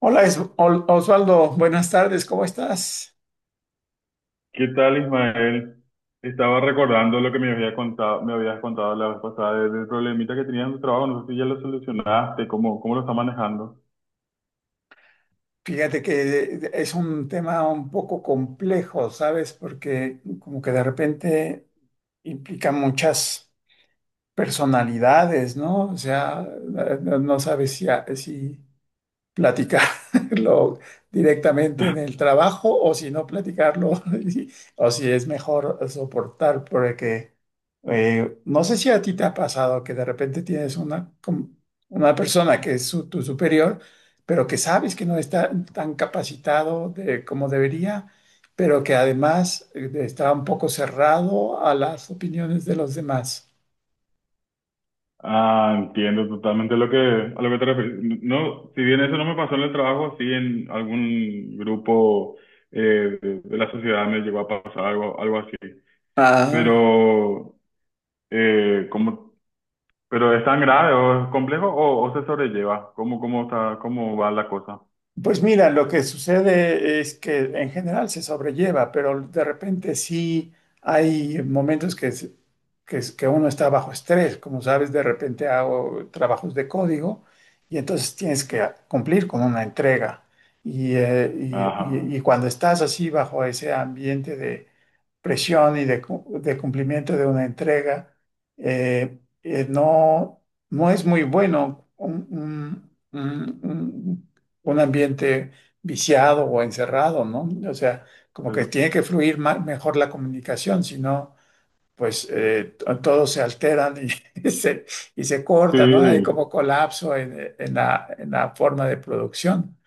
Hola Osvaldo, buenas tardes, ¿cómo estás? ¿Qué tal, Ismael? Estaba recordando lo que me habías contado la vez pasada del problemita que tenías en tu trabajo. No sé si ya lo solucionaste, cómo lo está manejando. Fíjate que es un tema un poco complejo, ¿sabes? Porque como que de repente implica muchas personalidades, ¿no? O sea, no sabes si, si, platicarlo directamente en el trabajo o si no platicarlo o si es mejor soportar porque no sé si a ti te ha pasado que de repente tienes una, una persona que es tu superior, pero que sabes que no está tan capacitado de, como debería, pero que además está un poco cerrado a las opiniones de los demás. Ah, entiendo totalmente lo que, a lo que te refieres. No, si bien eso no me pasó en el trabajo, sí en algún grupo de la sociedad me llegó a pasar algo así. Ah. Pero, eh, ¿cómo- pero es tan grave o es complejo o se sobrelleva? ¿Cómo, cómo está, cómo va la cosa? Pues mira, lo que sucede es que en general se sobrelleva, pero de repente sí hay momentos que, que uno está bajo estrés. Como sabes, de repente hago trabajos de código y entonces tienes que cumplir con una entrega. Y, y- Ajá. y- y cuando estás así bajo ese ambiente de presión y de, de cumplimiento de una entrega, no, no es muy bueno. Un un ambiente viciado o encerrado, ¿no? O sea, como Pues, que tiene que fluir mejor la comunicación, si no, pues todos se alteran y, y se corta, ¿no? Hay. Sí. sí, Como colapso en, en la forma de producción.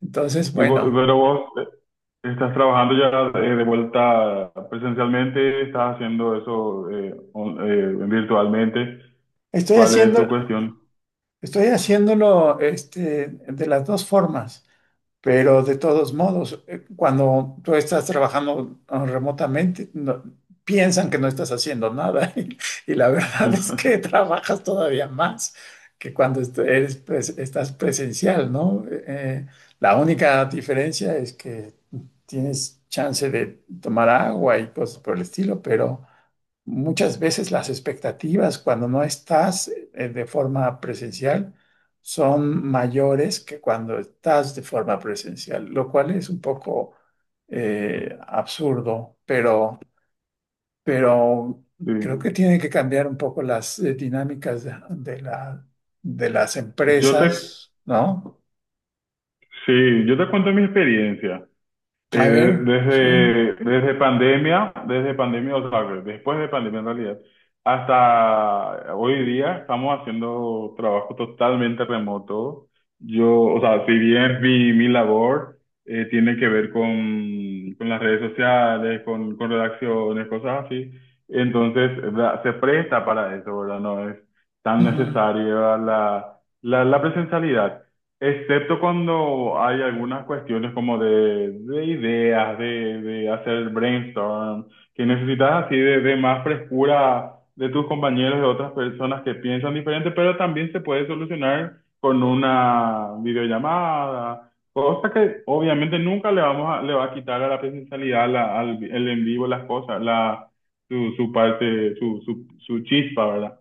Entonces, bueno, pero vos estás trabajando ya de vuelta presencialmente, estás haciendo eso virtualmente. estoy ¿Cuál es tu haciendo, cuestión? estoy haciéndolo este, de las dos formas. Pero de todos modos, cuando tú estás trabajando ah, remotamente, piensan que no estás haciendo nada y la verdad es que trabajas todavía más que cuando estás presencial, ¿no? La única diferencia es que tienes chance de tomar agua y cosas por el estilo, pero muchas veces las expectativas cuando no estás de forma presencial son mayores que cuando estás de forma presencial, lo cual es un poco absurdo, pero creo Sí. que tiene que cambiar un poco las dinámicas de, de las Yo te, empresas, ¿no? sí, yo te cuento mi experiencia. Eh, A ver, sí. Desde pandemia, o sea, después de pandemia en realidad, hasta hoy día estamos haciendo trabajo totalmente remoto. Yo, o sea, si bien mi labor tiene que ver con las redes sociales, con redacciones, cosas así, entonces, ¿verdad? Se presta para eso, ¿verdad? No es tan Ujú. necesaria la presencialidad. Excepto cuando hay algunas cuestiones como de ideas, de hacer brainstorm, que necesitas así de más frescura de tus compañeros, de otras personas que piensan diferente, pero también se puede solucionar con una videollamada, cosa que obviamente nunca le va a quitar a la presencialidad, el en vivo, su, su chispa, ¿verdad?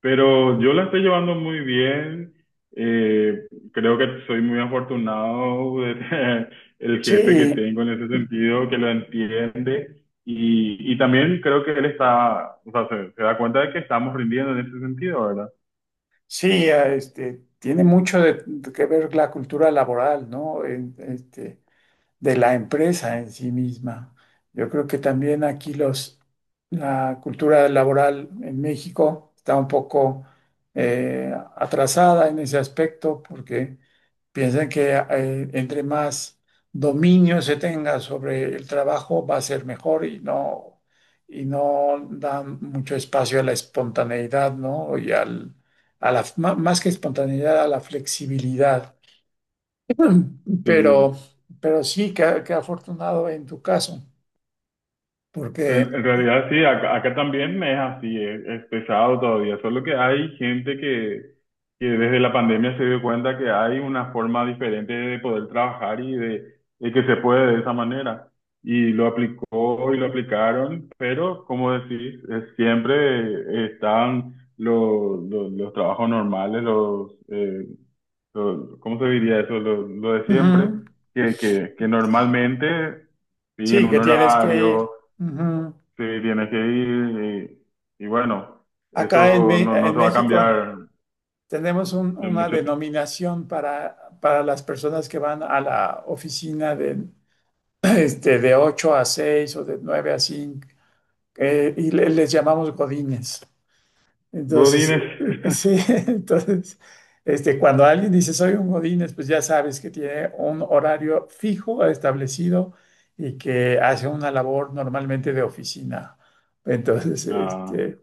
Pero yo la estoy llevando muy bien. Creo que soy muy afortunado de tener el jefe que Sí, tengo en ese sentido, que lo entiende. Y también creo que él está, o sea, se da cuenta de que estamos rindiendo en ese sentido, ¿verdad? sí, este, tiene mucho de que ver la cultura laboral, ¿no? En- Este, de la empresa en sí misma. Yo creo que también aquí la cultura laboral en México está un poco atrasada en ese aspecto porque piensan que entre más dominio se tenga sobre el trabajo va a ser mejor y no dan mucho espacio a la espontaneidad, ¿no? Y al, a la, más que espontaneidad, a la flexibilidad. Sí. Pero, pero sí, qué, qué afortunado en tu caso, porque En realidad sí, acá también es así, es pesado todavía, solo que hay gente que desde la pandemia se dio cuenta que hay una forma diferente de poder trabajar de que se puede de esa manera. Y lo aplicó y lo aplicaron, pero como decís, es- siempre están los trabajos normales, ¿cómo se diría eso? Lo de siempre, ujú, que normalmente siguen sí, un que tienes que horario. ir. Ujú. Sí, tienes que ir y bueno, Acá en, eso no, no en se va a México cambiar tenemos en una mucho tiempo. denominación para las personas que van a la oficina de, este, de 8 a 6 o de 9 a 5 y les llamamos godines. Entonces, Godínez. sí, entonces, este, cuando alguien dice soy un Godínez, pues ya sabes que tiene un horario fijo establecido y que hace una labor normalmente de oficina. Entonces, Ah, este,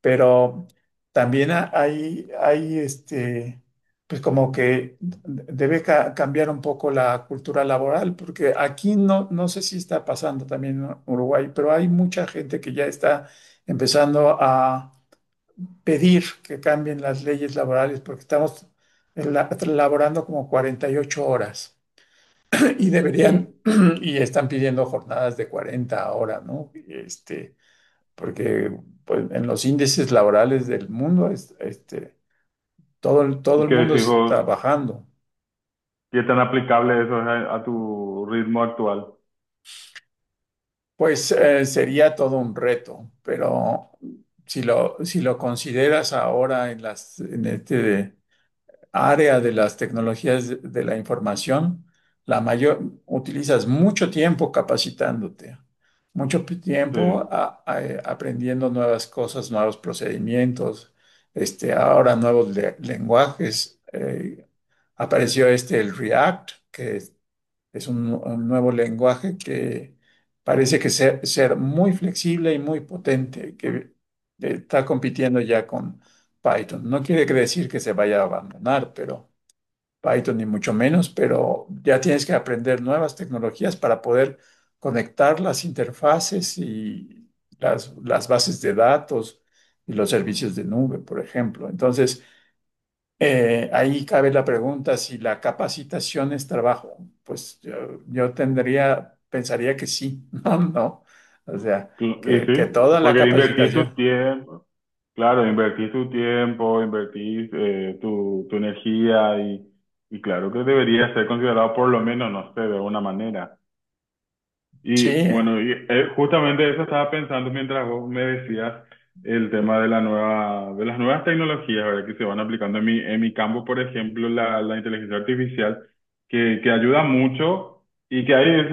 pero también hay, hay, este, pues como que debe cambiar un poco la cultura laboral, porque aquí no, no sé si está pasando también en Uruguay, pero hay mucha gente que ya está empezando a pedir que cambien las leyes laborales porque estamos laborando como 48 horas y deberían, sí. y están pidiendo jornadas de 40 horas, ¿no? Este, porque pues, en los índices laborales del mundo, este, todo, todo ¿Y el qué mundo decís se está vos? bajando. ¿Qué tan aplicable eso es a tu ritmo actual? Pues sería todo un reto, pero si lo, si lo consideras ahora en las, en este área de las tecnologías de la información, la mayor, utilizas mucho tiempo capacitándote, mucho Sí. tiempo aprendiendo nuevas cosas, nuevos procedimientos, este, ahora nuevos lenguajes. Apareció este, el React, es un nuevo lenguaje que parece que ser muy flexible y muy potente, que está compitiendo ya con Python. No quiere decir que se vaya a abandonar, pero Python ni mucho menos, pero ya tienes que aprender nuevas tecnologías para poder conectar las interfaces y las bases de datos y los servicios de nube, por ejemplo. Entonces, ahí cabe la pregunta si la capacitación es trabajo. Pues yo tendría, pensaría que sí, no, no. O sea, Cl- Y que sí, toda la porque invertís tu capacitación. tiempo, claro, invertís tu tiempo, invertís tu energía y claro que debería ser considerado por lo menos, no sé, de una manera. Sí, Y bueno, y, justamente eso estaba pensando mientras vos me decías el tema de la nueva, de las nuevas tecnologías, ¿verdad? Que se van aplicando en mi campo, por ejemplo, la inteligencia artificial, que ayuda mucho y que hay eh,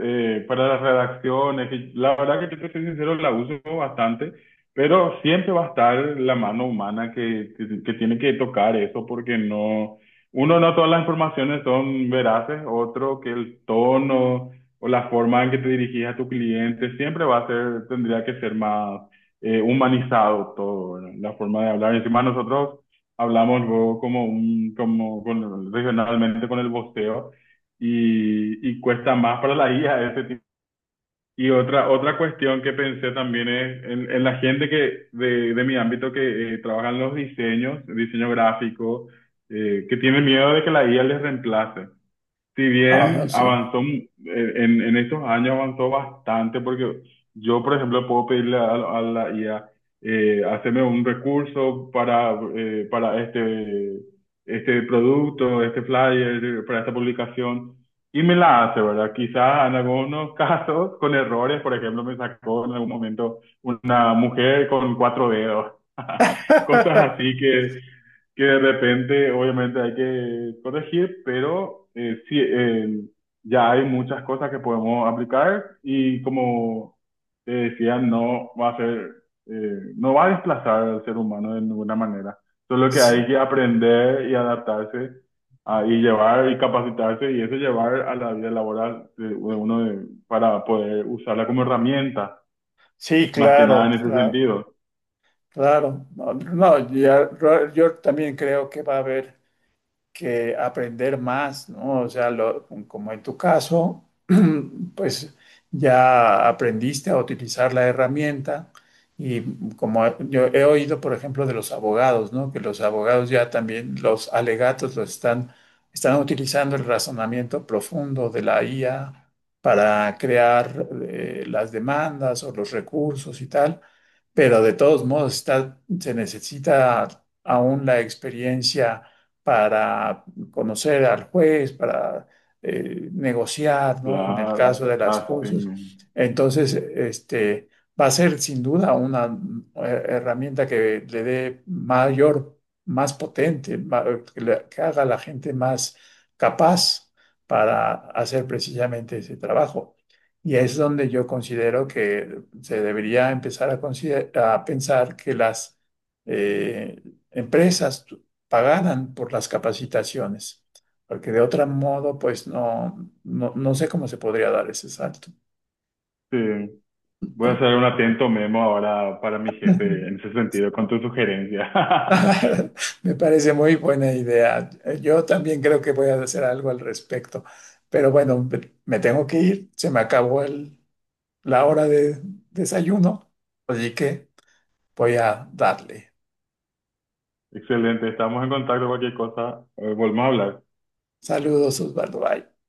eh, eh, para las redacciones, que la verdad que yo te soy sincero, la uso bastante, pero siempre va a estar la mano humana que tiene que tocar eso porque no, uno, no todas las informaciones son veraces, otro que el tono o la forma en que te dirigís a tu cliente, siempre va a ser, tendría que ser más humanizado todo, ¿verdad? La forma de hablar. Encima nosotros hablamos luego como un, como con- regionalmente con el voceo y cuesta más para la IA ese tipo. Y otra, otra cuestión que pensé también es en la gente que de mi ámbito que trabaja en los diseños, diseño gráfico, que tiene miedo de que la IA les reemplace si ah, bien sí. avanzó, en estos años avanzó bastante, porque yo, por ejemplo, a la IA, hacerme un recurso para este, este producto, este flyer, para esta publicación, y me la hace, ¿verdad? Quizás en algunos casos con errores, por ejemplo, me sacó en algún momento una mujer con cuatro dedos, cosas así que de repente obviamente hay que corregir, pero ya hay muchas cosas que podemos aplicar y como te decía, no va a desplazar al ser humano de ninguna manera. Solo que hay Sí, que aprender y adaptarse ah, y llevar y capacitarse y eso llevar a la vida laboral de uno de- para poder usarla como herramienta, sí, más que nada claro, en ese claro. sentido. Claro, no, no, ya- yo también creo que va a haber que aprender más, ¿no? O sea, como en tu caso, pues ya aprendiste a utilizar la herramienta y como yo he oído, por ejemplo, de los abogados, ¿no? Que los abogados ya también los alegatos los están utilizando el razonamiento profundo de la IA para crear las demandas o los recursos y tal, pero de todos modos está, se necesita aún la experiencia para conocer al juez, para negociar, ¿no? En el Claro, caso de las así cosas. mismo. Entonces, este, va a ser sin duda una herramienta que le dé mayor, más potente, que, que haga a la gente más capaz para hacer precisamente ese trabajo. Y es donde yo considero que se debería empezar a, a pensar que las eh, empresas pagaran por las capacitaciones, porque de otro modo, pues no, no, no sé cómo se podría dar ese salto. Sí. Voy a hacer un atento memo ahora para mi jefe en ese sentido, con tu sugerencia. Me parece muy buena idea. Yo también creo que voy a hacer algo al respecto, pero bueno, me tengo que ir, se me acabó la hora de desayuno, así que voy a darle. Excelente, estamos en contacto, cualquier cosa, volvemos a hablar. Saludos, Osvaldo. Bye.